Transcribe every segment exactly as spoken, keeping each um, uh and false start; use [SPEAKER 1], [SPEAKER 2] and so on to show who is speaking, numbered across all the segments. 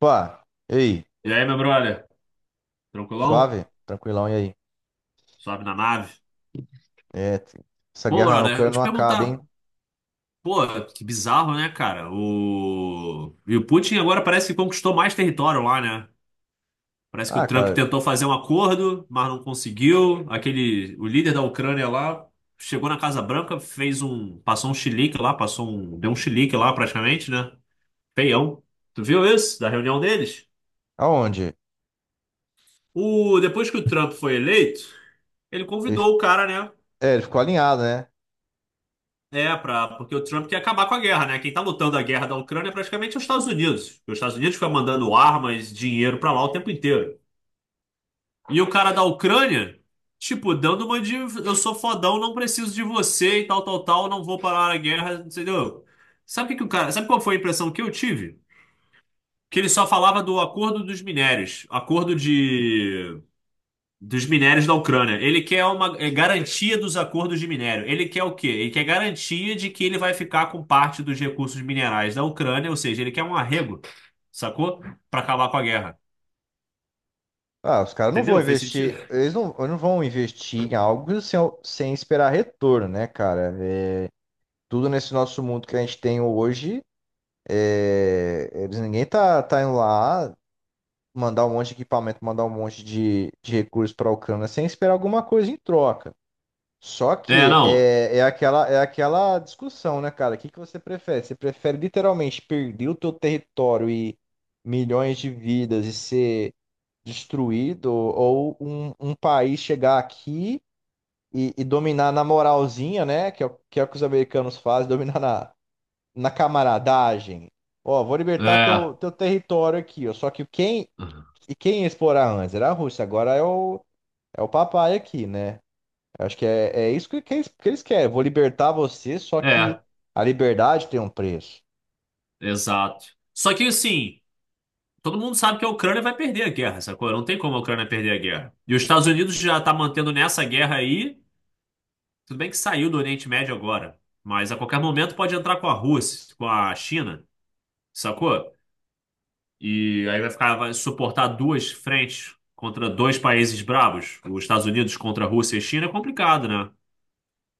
[SPEAKER 1] Opa, e aí?
[SPEAKER 2] E aí, meu brother? Tranquilão?
[SPEAKER 1] Suave? Tranquilão, e aí?
[SPEAKER 2] Sobe na nave.
[SPEAKER 1] É, t- essa
[SPEAKER 2] Pô,
[SPEAKER 1] guerra na
[SPEAKER 2] brother, eu
[SPEAKER 1] Ucrânia
[SPEAKER 2] te
[SPEAKER 1] não acaba,
[SPEAKER 2] perguntar.
[SPEAKER 1] hein?
[SPEAKER 2] Pô, que bizarro, né, cara? O... E o Putin agora parece que conquistou mais território lá, né? Parece que
[SPEAKER 1] Ah,
[SPEAKER 2] o Trump
[SPEAKER 1] cara,
[SPEAKER 2] tentou fazer um acordo, mas não conseguiu. Aquele, o líder da Ucrânia lá chegou na Casa Branca, fez um, passou um chilique lá, passou um, deu um chilique lá praticamente, né? Feião. Tu viu isso da reunião deles?
[SPEAKER 1] aonde?
[SPEAKER 2] O, depois que o Trump foi eleito, ele
[SPEAKER 1] Ele,
[SPEAKER 2] convidou o cara, né?
[SPEAKER 1] é, ele ficou alinhado, né?
[SPEAKER 2] É, pra, porque o Trump quer acabar com a guerra, né? Quem tá lutando a guerra da Ucrânia é praticamente os Estados Unidos. Porque os Estados Unidos ficam mandando armas, dinheiro pra lá o tempo inteiro. E o cara da Ucrânia, tipo, dando uma de eu sou fodão, não preciso de você e tal, tal, tal, não vou parar a guerra, entendeu? Sabe o que que o cara, sabe qual foi a impressão que eu tive? Que ele só falava do acordo dos minérios, acordo de dos minérios da Ucrânia. Ele quer uma é, garantia dos acordos de minério. Ele quer o quê? Ele quer garantia de que ele vai ficar com parte dos recursos minerais da Ucrânia, ou seja, ele quer um arrego, sacou? Para acabar com a guerra.
[SPEAKER 1] Ah, os caras não vão
[SPEAKER 2] Entendeu? Fez sentido?
[SPEAKER 1] investir, eles não, eles não vão investir em algo sem, sem esperar retorno, né, cara? É, tudo nesse nosso mundo que a gente tem hoje, é, eles, ninguém tá, tá indo lá mandar um monte de equipamento, mandar um monte de, de recursos pra Ucrânia sem esperar alguma coisa em troca. Só
[SPEAKER 2] É,
[SPEAKER 1] que
[SPEAKER 2] não.
[SPEAKER 1] é, é aquela, é aquela discussão, né, cara? O que que você prefere? Você prefere literalmente perder o teu território e milhões de vidas e ser destruído, ou um, um país chegar aqui e, e dominar na moralzinha, né? Que é, o- que é o que os americanos fazem, dominar na, na camaradagem. Ó, vou libertar
[SPEAKER 2] É.
[SPEAKER 1] teu, teu território aqui, ó. Só que quem, e quem ia explorar antes? Era a Rússia, agora é o, é o papai aqui, né? Eu acho que é, é isso que, que eles, que eles querem. Vou libertar você, só que
[SPEAKER 2] É,
[SPEAKER 1] a liberdade tem um preço.
[SPEAKER 2] exato. Só que assim, todo mundo sabe que a Ucrânia vai perder a guerra, sacou? Não tem como a Ucrânia perder a guerra. E os Estados Unidos já tá mantendo nessa guerra aí. Tudo bem que saiu do Oriente Médio agora. Mas a qualquer momento pode entrar com a Rússia, com a China. Sacou? E aí vai ficar, vai suportar duas frentes contra dois países bravos, os Estados Unidos contra a Rússia e China, é complicado, né?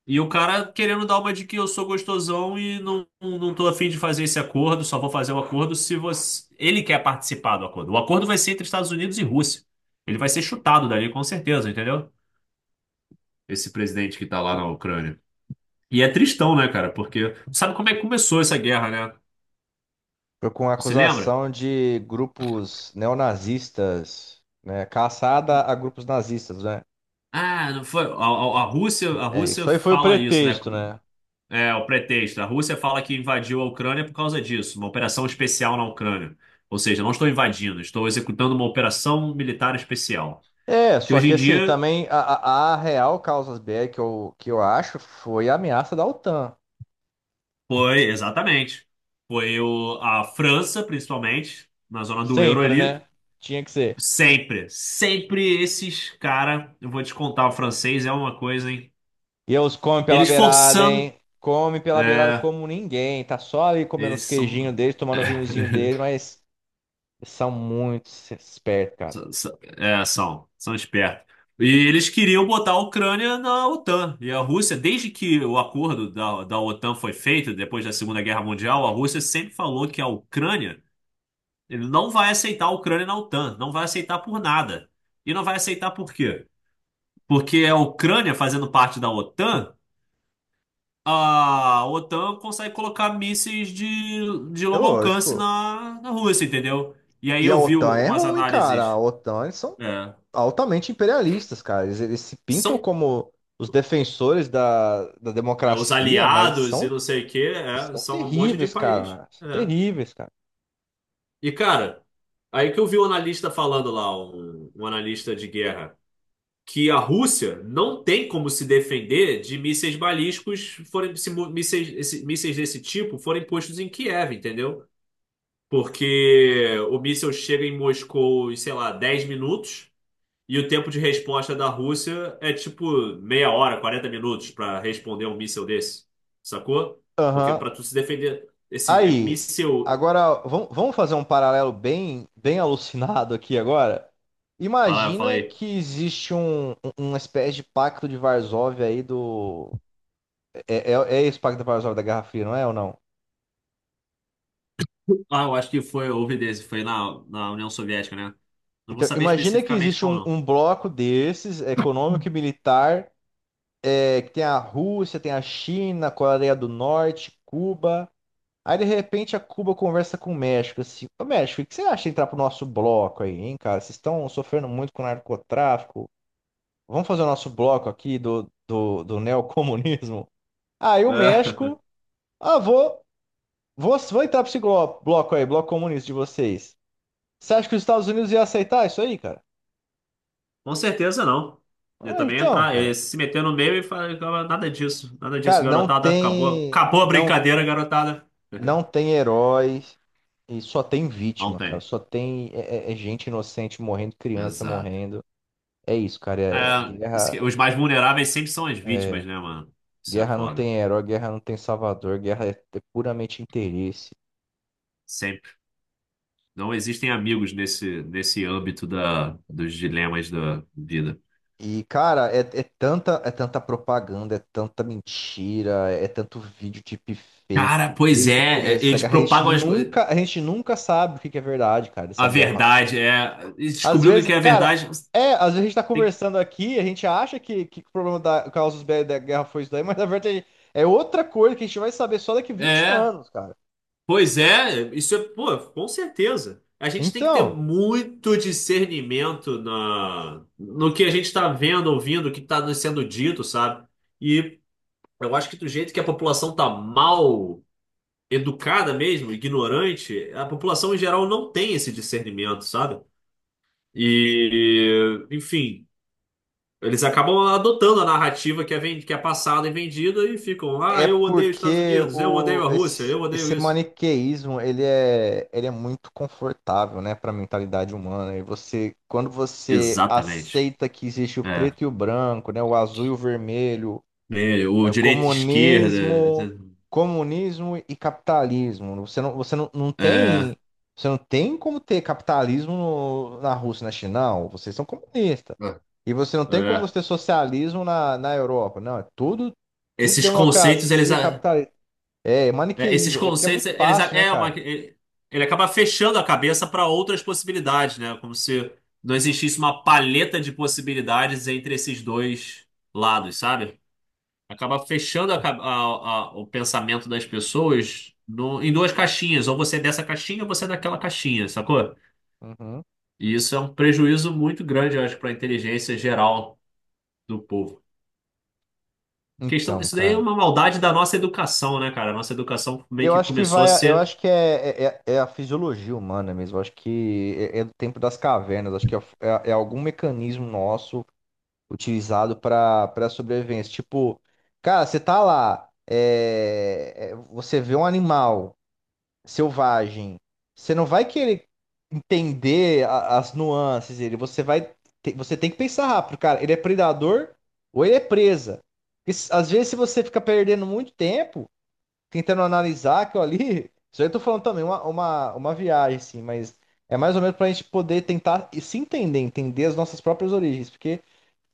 [SPEAKER 2] E o cara querendo dar uma de que eu sou gostosão e não, não tô afim de fazer esse acordo, só vou fazer o acordo se você. Ele quer participar do acordo. O acordo vai ser entre Estados Unidos e Rússia. Ele vai ser chutado dali, com certeza, entendeu? Esse presidente que tá lá na Ucrânia. E é tristão, né, cara? Porque sabe como é que começou essa guerra, né?
[SPEAKER 1] Foi com a
[SPEAKER 2] Você lembra?
[SPEAKER 1] acusação de grupos neonazistas, né? Caçada a grupos nazistas, né?
[SPEAKER 2] Ah, não foi. A, a- a Rússia, a
[SPEAKER 1] É, isso
[SPEAKER 2] Rússia
[SPEAKER 1] aí foi o
[SPEAKER 2] fala isso, né?
[SPEAKER 1] pretexto, né?
[SPEAKER 2] É o pretexto. A Rússia fala que invadiu a Ucrânia por causa disso, uma operação especial na Ucrânia. Ou seja, não estou invadindo, estou executando uma operação militar especial.
[SPEAKER 1] É,
[SPEAKER 2] Que
[SPEAKER 1] só
[SPEAKER 2] hoje
[SPEAKER 1] que
[SPEAKER 2] em
[SPEAKER 1] assim,
[SPEAKER 2] dia
[SPEAKER 1] também a, a, a real causa B R que eu, que eu acho foi a ameaça da OTAN.
[SPEAKER 2] foi, exatamente, foi o, a França, principalmente, na zona do euro
[SPEAKER 1] Sempre,
[SPEAKER 2] ali.
[SPEAKER 1] né? Tinha que ser.
[SPEAKER 2] Sempre, sempre esses cara, eu vou te contar, o francês é uma coisa, hein?
[SPEAKER 1] E eles comem pela
[SPEAKER 2] Eles
[SPEAKER 1] beirada,
[SPEAKER 2] forçando.
[SPEAKER 1] hein? Come pela beirada
[SPEAKER 2] É,
[SPEAKER 1] como ninguém. Tá só ali comendo
[SPEAKER 2] eles
[SPEAKER 1] os queijinhos
[SPEAKER 2] são.
[SPEAKER 1] deles, tomando o vinhozinho dele, mas eles são muito espertos, cara.
[SPEAKER 2] S- s- É, são, são espertos. E eles queriam botar a Ucrânia na OTAN. E a Rússia, desde que o acordo da, da OTAN foi feito, depois da Segunda Guerra Mundial, a Rússia sempre falou que a Ucrânia, ele não vai aceitar a Ucrânia na OTAN, não vai aceitar por nada. E não vai aceitar por quê? Porque a Ucrânia, fazendo parte da OTAN, a OTAN consegue colocar mísseis de, de
[SPEAKER 1] É
[SPEAKER 2] longo alcance
[SPEAKER 1] lógico.
[SPEAKER 2] na, na Rússia, entendeu? E aí
[SPEAKER 1] E a
[SPEAKER 2] eu vi
[SPEAKER 1] OTAN é
[SPEAKER 2] umas
[SPEAKER 1] ruim, cara. A
[SPEAKER 2] análises.
[SPEAKER 1] OTAN, eles são
[SPEAKER 2] É,
[SPEAKER 1] altamente imperialistas, cara. Eles, eles se pintam
[SPEAKER 2] são.
[SPEAKER 1] como os defensores da, da
[SPEAKER 2] É, os
[SPEAKER 1] democracia, mas eles
[SPEAKER 2] aliados e
[SPEAKER 1] são,
[SPEAKER 2] não sei o quê,
[SPEAKER 1] eles
[SPEAKER 2] é,
[SPEAKER 1] são
[SPEAKER 2] são um monte de
[SPEAKER 1] terríveis,
[SPEAKER 2] país.
[SPEAKER 1] cara. São
[SPEAKER 2] É.
[SPEAKER 1] terríveis, cara.
[SPEAKER 2] E, cara, aí que eu vi um analista falando lá, um, um analista de guerra, que a Rússia não tem como se defender de mísseis balísticos, forem, se mu- mísseis, esse- mísseis desse tipo forem postos em Kiev, entendeu? Porque o míssil chega em Moscou em, sei lá, dez minutos. E o tempo de resposta da Rússia é tipo meia hora, quarenta minutos para responder um míssil desse. Sacou? Porque
[SPEAKER 1] Aham.
[SPEAKER 2] para tu se defender, esse é
[SPEAKER 1] Aí,
[SPEAKER 2] míssil.
[SPEAKER 1] agora, vamos vamos fazer um paralelo bem, bem alucinado aqui agora.
[SPEAKER 2] Fala, fala
[SPEAKER 1] Imagina
[SPEAKER 2] aí.
[SPEAKER 1] que existe um, um- uma espécie de pacto de Varsóvia aí do. É, é, é esse pacto de Varsóvia da Guerra Fria, não é ou não?
[SPEAKER 2] Ah, eu acho que foi, houve desse, foi na, na União Soviética, né? Não vou
[SPEAKER 1] Então,
[SPEAKER 2] saber
[SPEAKER 1] imagina que
[SPEAKER 2] especificamente
[SPEAKER 1] existe um,
[SPEAKER 2] qual
[SPEAKER 1] um bloco desses, econômico e militar, é, que tem a Rússia, tem a China, a Coreia do Norte, Cuba. Aí, de repente, a Cuba conversa com o México, assim, ô México, o que você acha de entrar pro nosso bloco aí, hein, cara? Vocês estão sofrendo muito com narcotráfico. Vamos fazer o nosso bloco aqui do, do, do neocomunismo. Aí o
[SPEAKER 2] não. É.
[SPEAKER 1] México, ah, vou, vou, vou entrar pra esse glo- bloco aí, bloco comunista de vocês. Você acha que os Estados Unidos ia aceitar isso aí, cara?
[SPEAKER 2] Com certeza não. Eu
[SPEAKER 1] Ah,
[SPEAKER 2] também ia
[SPEAKER 1] então,
[SPEAKER 2] entrar, eu ia
[SPEAKER 1] cara.
[SPEAKER 2] se meter no meio e falar nada disso, nada disso,
[SPEAKER 1] Cara, não
[SPEAKER 2] garotada. Acabou,
[SPEAKER 1] tem,
[SPEAKER 2] acabou a
[SPEAKER 1] não,
[SPEAKER 2] brincadeira, garotada.
[SPEAKER 1] não tem heróis e só tem
[SPEAKER 2] Não
[SPEAKER 1] vítima, cara.
[SPEAKER 2] tem.
[SPEAKER 1] Só tem é, é- é gente inocente morrendo, criança
[SPEAKER 2] Exato.
[SPEAKER 1] morrendo. É isso, cara. É- é
[SPEAKER 2] É, isso que-
[SPEAKER 1] guerra,
[SPEAKER 2] os mais vulneráveis sempre são as
[SPEAKER 1] é,
[SPEAKER 2] vítimas, né, mano? Isso é
[SPEAKER 1] Guerra não
[SPEAKER 2] foda.
[SPEAKER 1] tem herói, guerra não tem salvador, guerra é, é puramente interesse.
[SPEAKER 2] Sempre. Não existem amigos nesse, nesse âmbito da, dos dilemas da vida.
[SPEAKER 1] E, cara, é, é tanta, é tanta propaganda, é tanta mentira, é é tanto vídeo
[SPEAKER 2] Cara,
[SPEAKER 1] deepfake.
[SPEAKER 2] pois é,
[SPEAKER 1] Desde o começo
[SPEAKER 2] é,
[SPEAKER 1] dessa
[SPEAKER 2] eles
[SPEAKER 1] guerra, a gente
[SPEAKER 2] propagam as, co-
[SPEAKER 1] nunca, a gente nunca sabe o que que é verdade, cara, dessa
[SPEAKER 2] a
[SPEAKER 1] guerra.
[SPEAKER 2] verdade, é. E
[SPEAKER 1] Às
[SPEAKER 2] descobriu o que
[SPEAKER 1] vezes,
[SPEAKER 2] que é a
[SPEAKER 1] cara,
[SPEAKER 2] verdade.
[SPEAKER 1] é, às vezes a gente tá
[SPEAKER 2] Tem
[SPEAKER 1] conversando aqui, a gente acha que, que o problema da causa dos B- da guerra foi isso daí, mas na verdade é outra coisa que a gente vai saber só daqui vinte
[SPEAKER 2] é,
[SPEAKER 1] anos, cara.
[SPEAKER 2] pois é, isso é, pô, com certeza. A gente tem que ter
[SPEAKER 1] Então,
[SPEAKER 2] muito discernimento na, no que a gente tá vendo, ouvindo, o que tá nos sendo dito, sabe? E eu acho que do jeito que a população tá mal educada mesmo, ignorante, a população em geral não tem esse discernimento, sabe? E, enfim, eles acabam adotando a narrativa que é, ven- que é passada e vendida e ficam, ah,
[SPEAKER 1] é
[SPEAKER 2] eu odeio os Estados
[SPEAKER 1] porque
[SPEAKER 2] Unidos, eu odeio
[SPEAKER 1] o,
[SPEAKER 2] a Rússia,
[SPEAKER 1] esse,
[SPEAKER 2] eu odeio
[SPEAKER 1] esse
[SPEAKER 2] isso.
[SPEAKER 1] maniqueísmo, ele é, ele é muito confortável, né, pra mentalidade humana. E você, quando você
[SPEAKER 2] Exatamente.
[SPEAKER 1] aceita que existe o
[SPEAKER 2] É.
[SPEAKER 1] preto e o branco, né, o azul e o vermelho,
[SPEAKER 2] É, o
[SPEAKER 1] é o
[SPEAKER 2] direita e esquerda.
[SPEAKER 1] comunismo, comunismo e capitalismo. Você não, você não, não
[SPEAKER 2] É,
[SPEAKER 1] tem, você não tem como ter capitalismo no- na Rússia, e na China, não. Vocês são comunistas. E você não tem como você
[SPEAKER 2] é.
[SPEAKER 1] ter socialismo na, na Europa. Não, é tudo, tudo
[SPEAKER 2] Esses conceitos, eles.
[SPEAKER 1] democracia capitalista. É, é
[SPEAKER 2] É, esses
[SPEAKER 1] maniqueísmo. É porque é
[SPEAKER 2] conceitos,
[SPEAKER 1] muito
[SPEAKER 2] eles
[SPEAKER 1] fácil, né,
[SPEAKER 2] é uma,
[SPEAKER 1] cara?
[SPEAKER 2] ele, ele acaba fechando a cabeça para outras possibilidades, né? Como se não existisse uma paleta de possibilidades entre esses dois lados, sabe? Acaba fechando a ca- a- a- o pensamento das pessoas no- em duas caixinhas, ou você é dessa caixinha ou você é daquela caixinha, sacou?
[SPEAKER 1] Uhum.
[SPEAKER 2] E isso é um prejuízo muito grande, eu acho, para a inteligência geral do povo. Questão,
[SPEAKER 1] Então,
[SPEAKER 2] isso daí é
[SPEAKER 1] cara.
[SPEAKER 2] uma maldade da nossa educação, né, cara? A nossa educação meio
[SPEAKER 1] Eu
[SPEAKER 2] que
[SPEAKER 1] acho que
[SPEAKER 2] começou a
[SPEAKER 1] vai, eu
[SPEAKER 2] ser
[SPEAKER 1] acho que é, é, é é a fisiologia humana mesmo. Eu acho que é, é do tempo das cavernas. Acho que é, é é algum mecanismo nosso utilizado para para sobrevivência. Tipo, cara, você tá lá, é, é, você vê um animal selvagem, você não vai querer entender a- as nuances dele, você vai te- você tem que pensar rápido, cara, ele é predador ou ele é presa. Porque s- às vezes se você fica perdendo muito tempo tentando analisar aquilo ali, isso aí eu tô falando também uma, uma, uma viagem, assim, mas é mais ou menos pra gente poder tentar se entender, entender as nossas próprias origens, porque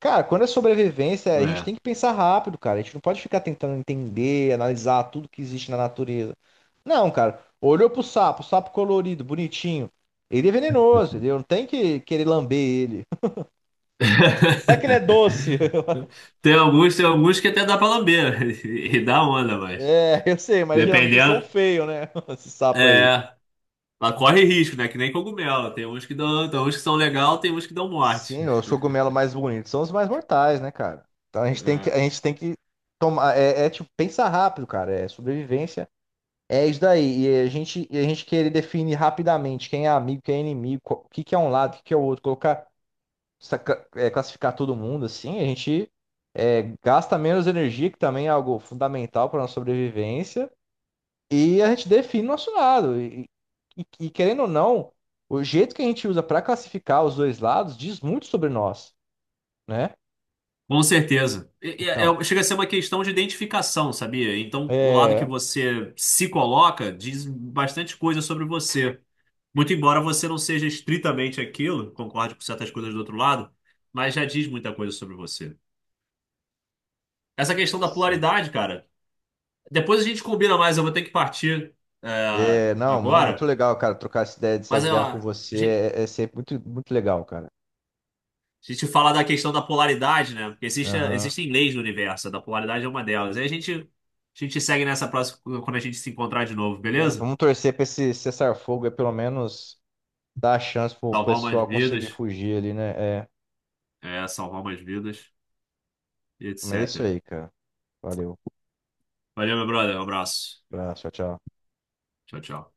[SPEAKER 1] cara, quando é sobrevivência, a gente
[SPEAKER 2] né,
[SPEAKER 1] tem que pensar rápido, cara. A gente não pode ficar tentando entender, analisar tudo que existe na natureza. Não, cara. Olhou pro sapo, sapo colorido, bonitinho. Ele é venenoso, entendeu? Não tem que querer lamber ele. Vai que ele é doce.
[SPEAKER 2] tem alguns, tem alguns que até dá pra lamber e dá onda, mas
[SPEAKER 1] É, eu sei, mas geralmente eles são
[SPEAKER 2] dependendo,
[SPEAKER 1] feios, né? Esse sapo aí.
[SPEAKER 2] é, ela corre risco, né? Que nem cogumelo. Tem uns que dão, tem uns que são legal, tem uns que dão morte.
[SPEAKER 1] Sim, os cogumelos mais bonitos são os mais mortais, né, cara? Então a gente tem que,
[SPEAKER 2] É,
[SPEAKER 1] a gente tem que tomar. É, é, tipo, pensar rápido, cara. É sobrevivência. É isso daí. E a gente, e a gente querer definir rapidamente quem é amigo, quem é inimigo, qual- o que que é um lado, o que que é o outro, colocar, saca- é, classificar todo mundo assim, a gente é, gasta menos energia, que também é algo fundamental para nossa sobrevivência, e a gente define nosso lado. E, e- e querendo ou não, o jeito que a gente usa para classificar os dois lados diz muito sobre nós, né?
[SPEAKER 2] com certeza. E- e- é-
[SPEAKER 1] Então,
[SPEAKER 2] é, chega a ser uma questão de identificação, sabia? Então, o lado que
[SPEAKER 1] é.
[SPEAKER 2] você se coloca diz bastante coisa sobre você. Muito embora você não seja estritamente aquilo, concorde com certas coisas do outro lado, mas já diz muita coisa sobre você. Essa questão da
[SPEAKER 1] Sim.
[SPEAKER 2] polaridade, cara. Depois a gente combina mais, eu vou ter que partir é,
[SPEAKER 1] É, não, não, muito
[SPEAKER 2] agora.
[SPEAKER 1] legal, cara, trocar essa ideia
[SPEAKER 2] Mas
[SPEAKER 1] dessas
[SPEAKER 2] ó,
[SPEAKER 1] guerras com
[SPEAKER 2] a gente
[SPEAKER 1] você é, é sempre muito, muito legal, cara.
[SPEAKER 2] a gente fala da questão da polaridade, né? Porque existe,
[SPEAKER 1] Aham.
[SPEAKER 2] existem leis no universo, a da polaridade é uma delas. E a gente, a gente segue nessa próxima, quando a gente se encontrar de novo,
[SPEAKER 1] É,
[SPEAKER 2] beleza?
[SPEAKER 1] vamos torcer pra esse cessar-fogo, é pelo menos dar a chance pro
[SPEAKER 2] Salvar umas
[SPEAKER 1] pessoal conseguir
[SPEAKER 2] vidas,
[SPEAKER 1] fugir ali, né? É,
[SPEAKER 2] é, salvar umas vidas, e
[SPEAKER 1] mas é isso
[SPEAKER 2] et cetera.
[SPEAKER 1] aí, cara. Valeu.
[SPEAKER 2] Valeu, meu brother, um abraço.
[SPEAKER 1] Abraço, tchau, tchau.
[SPEAKER 2] Tchau, tchau.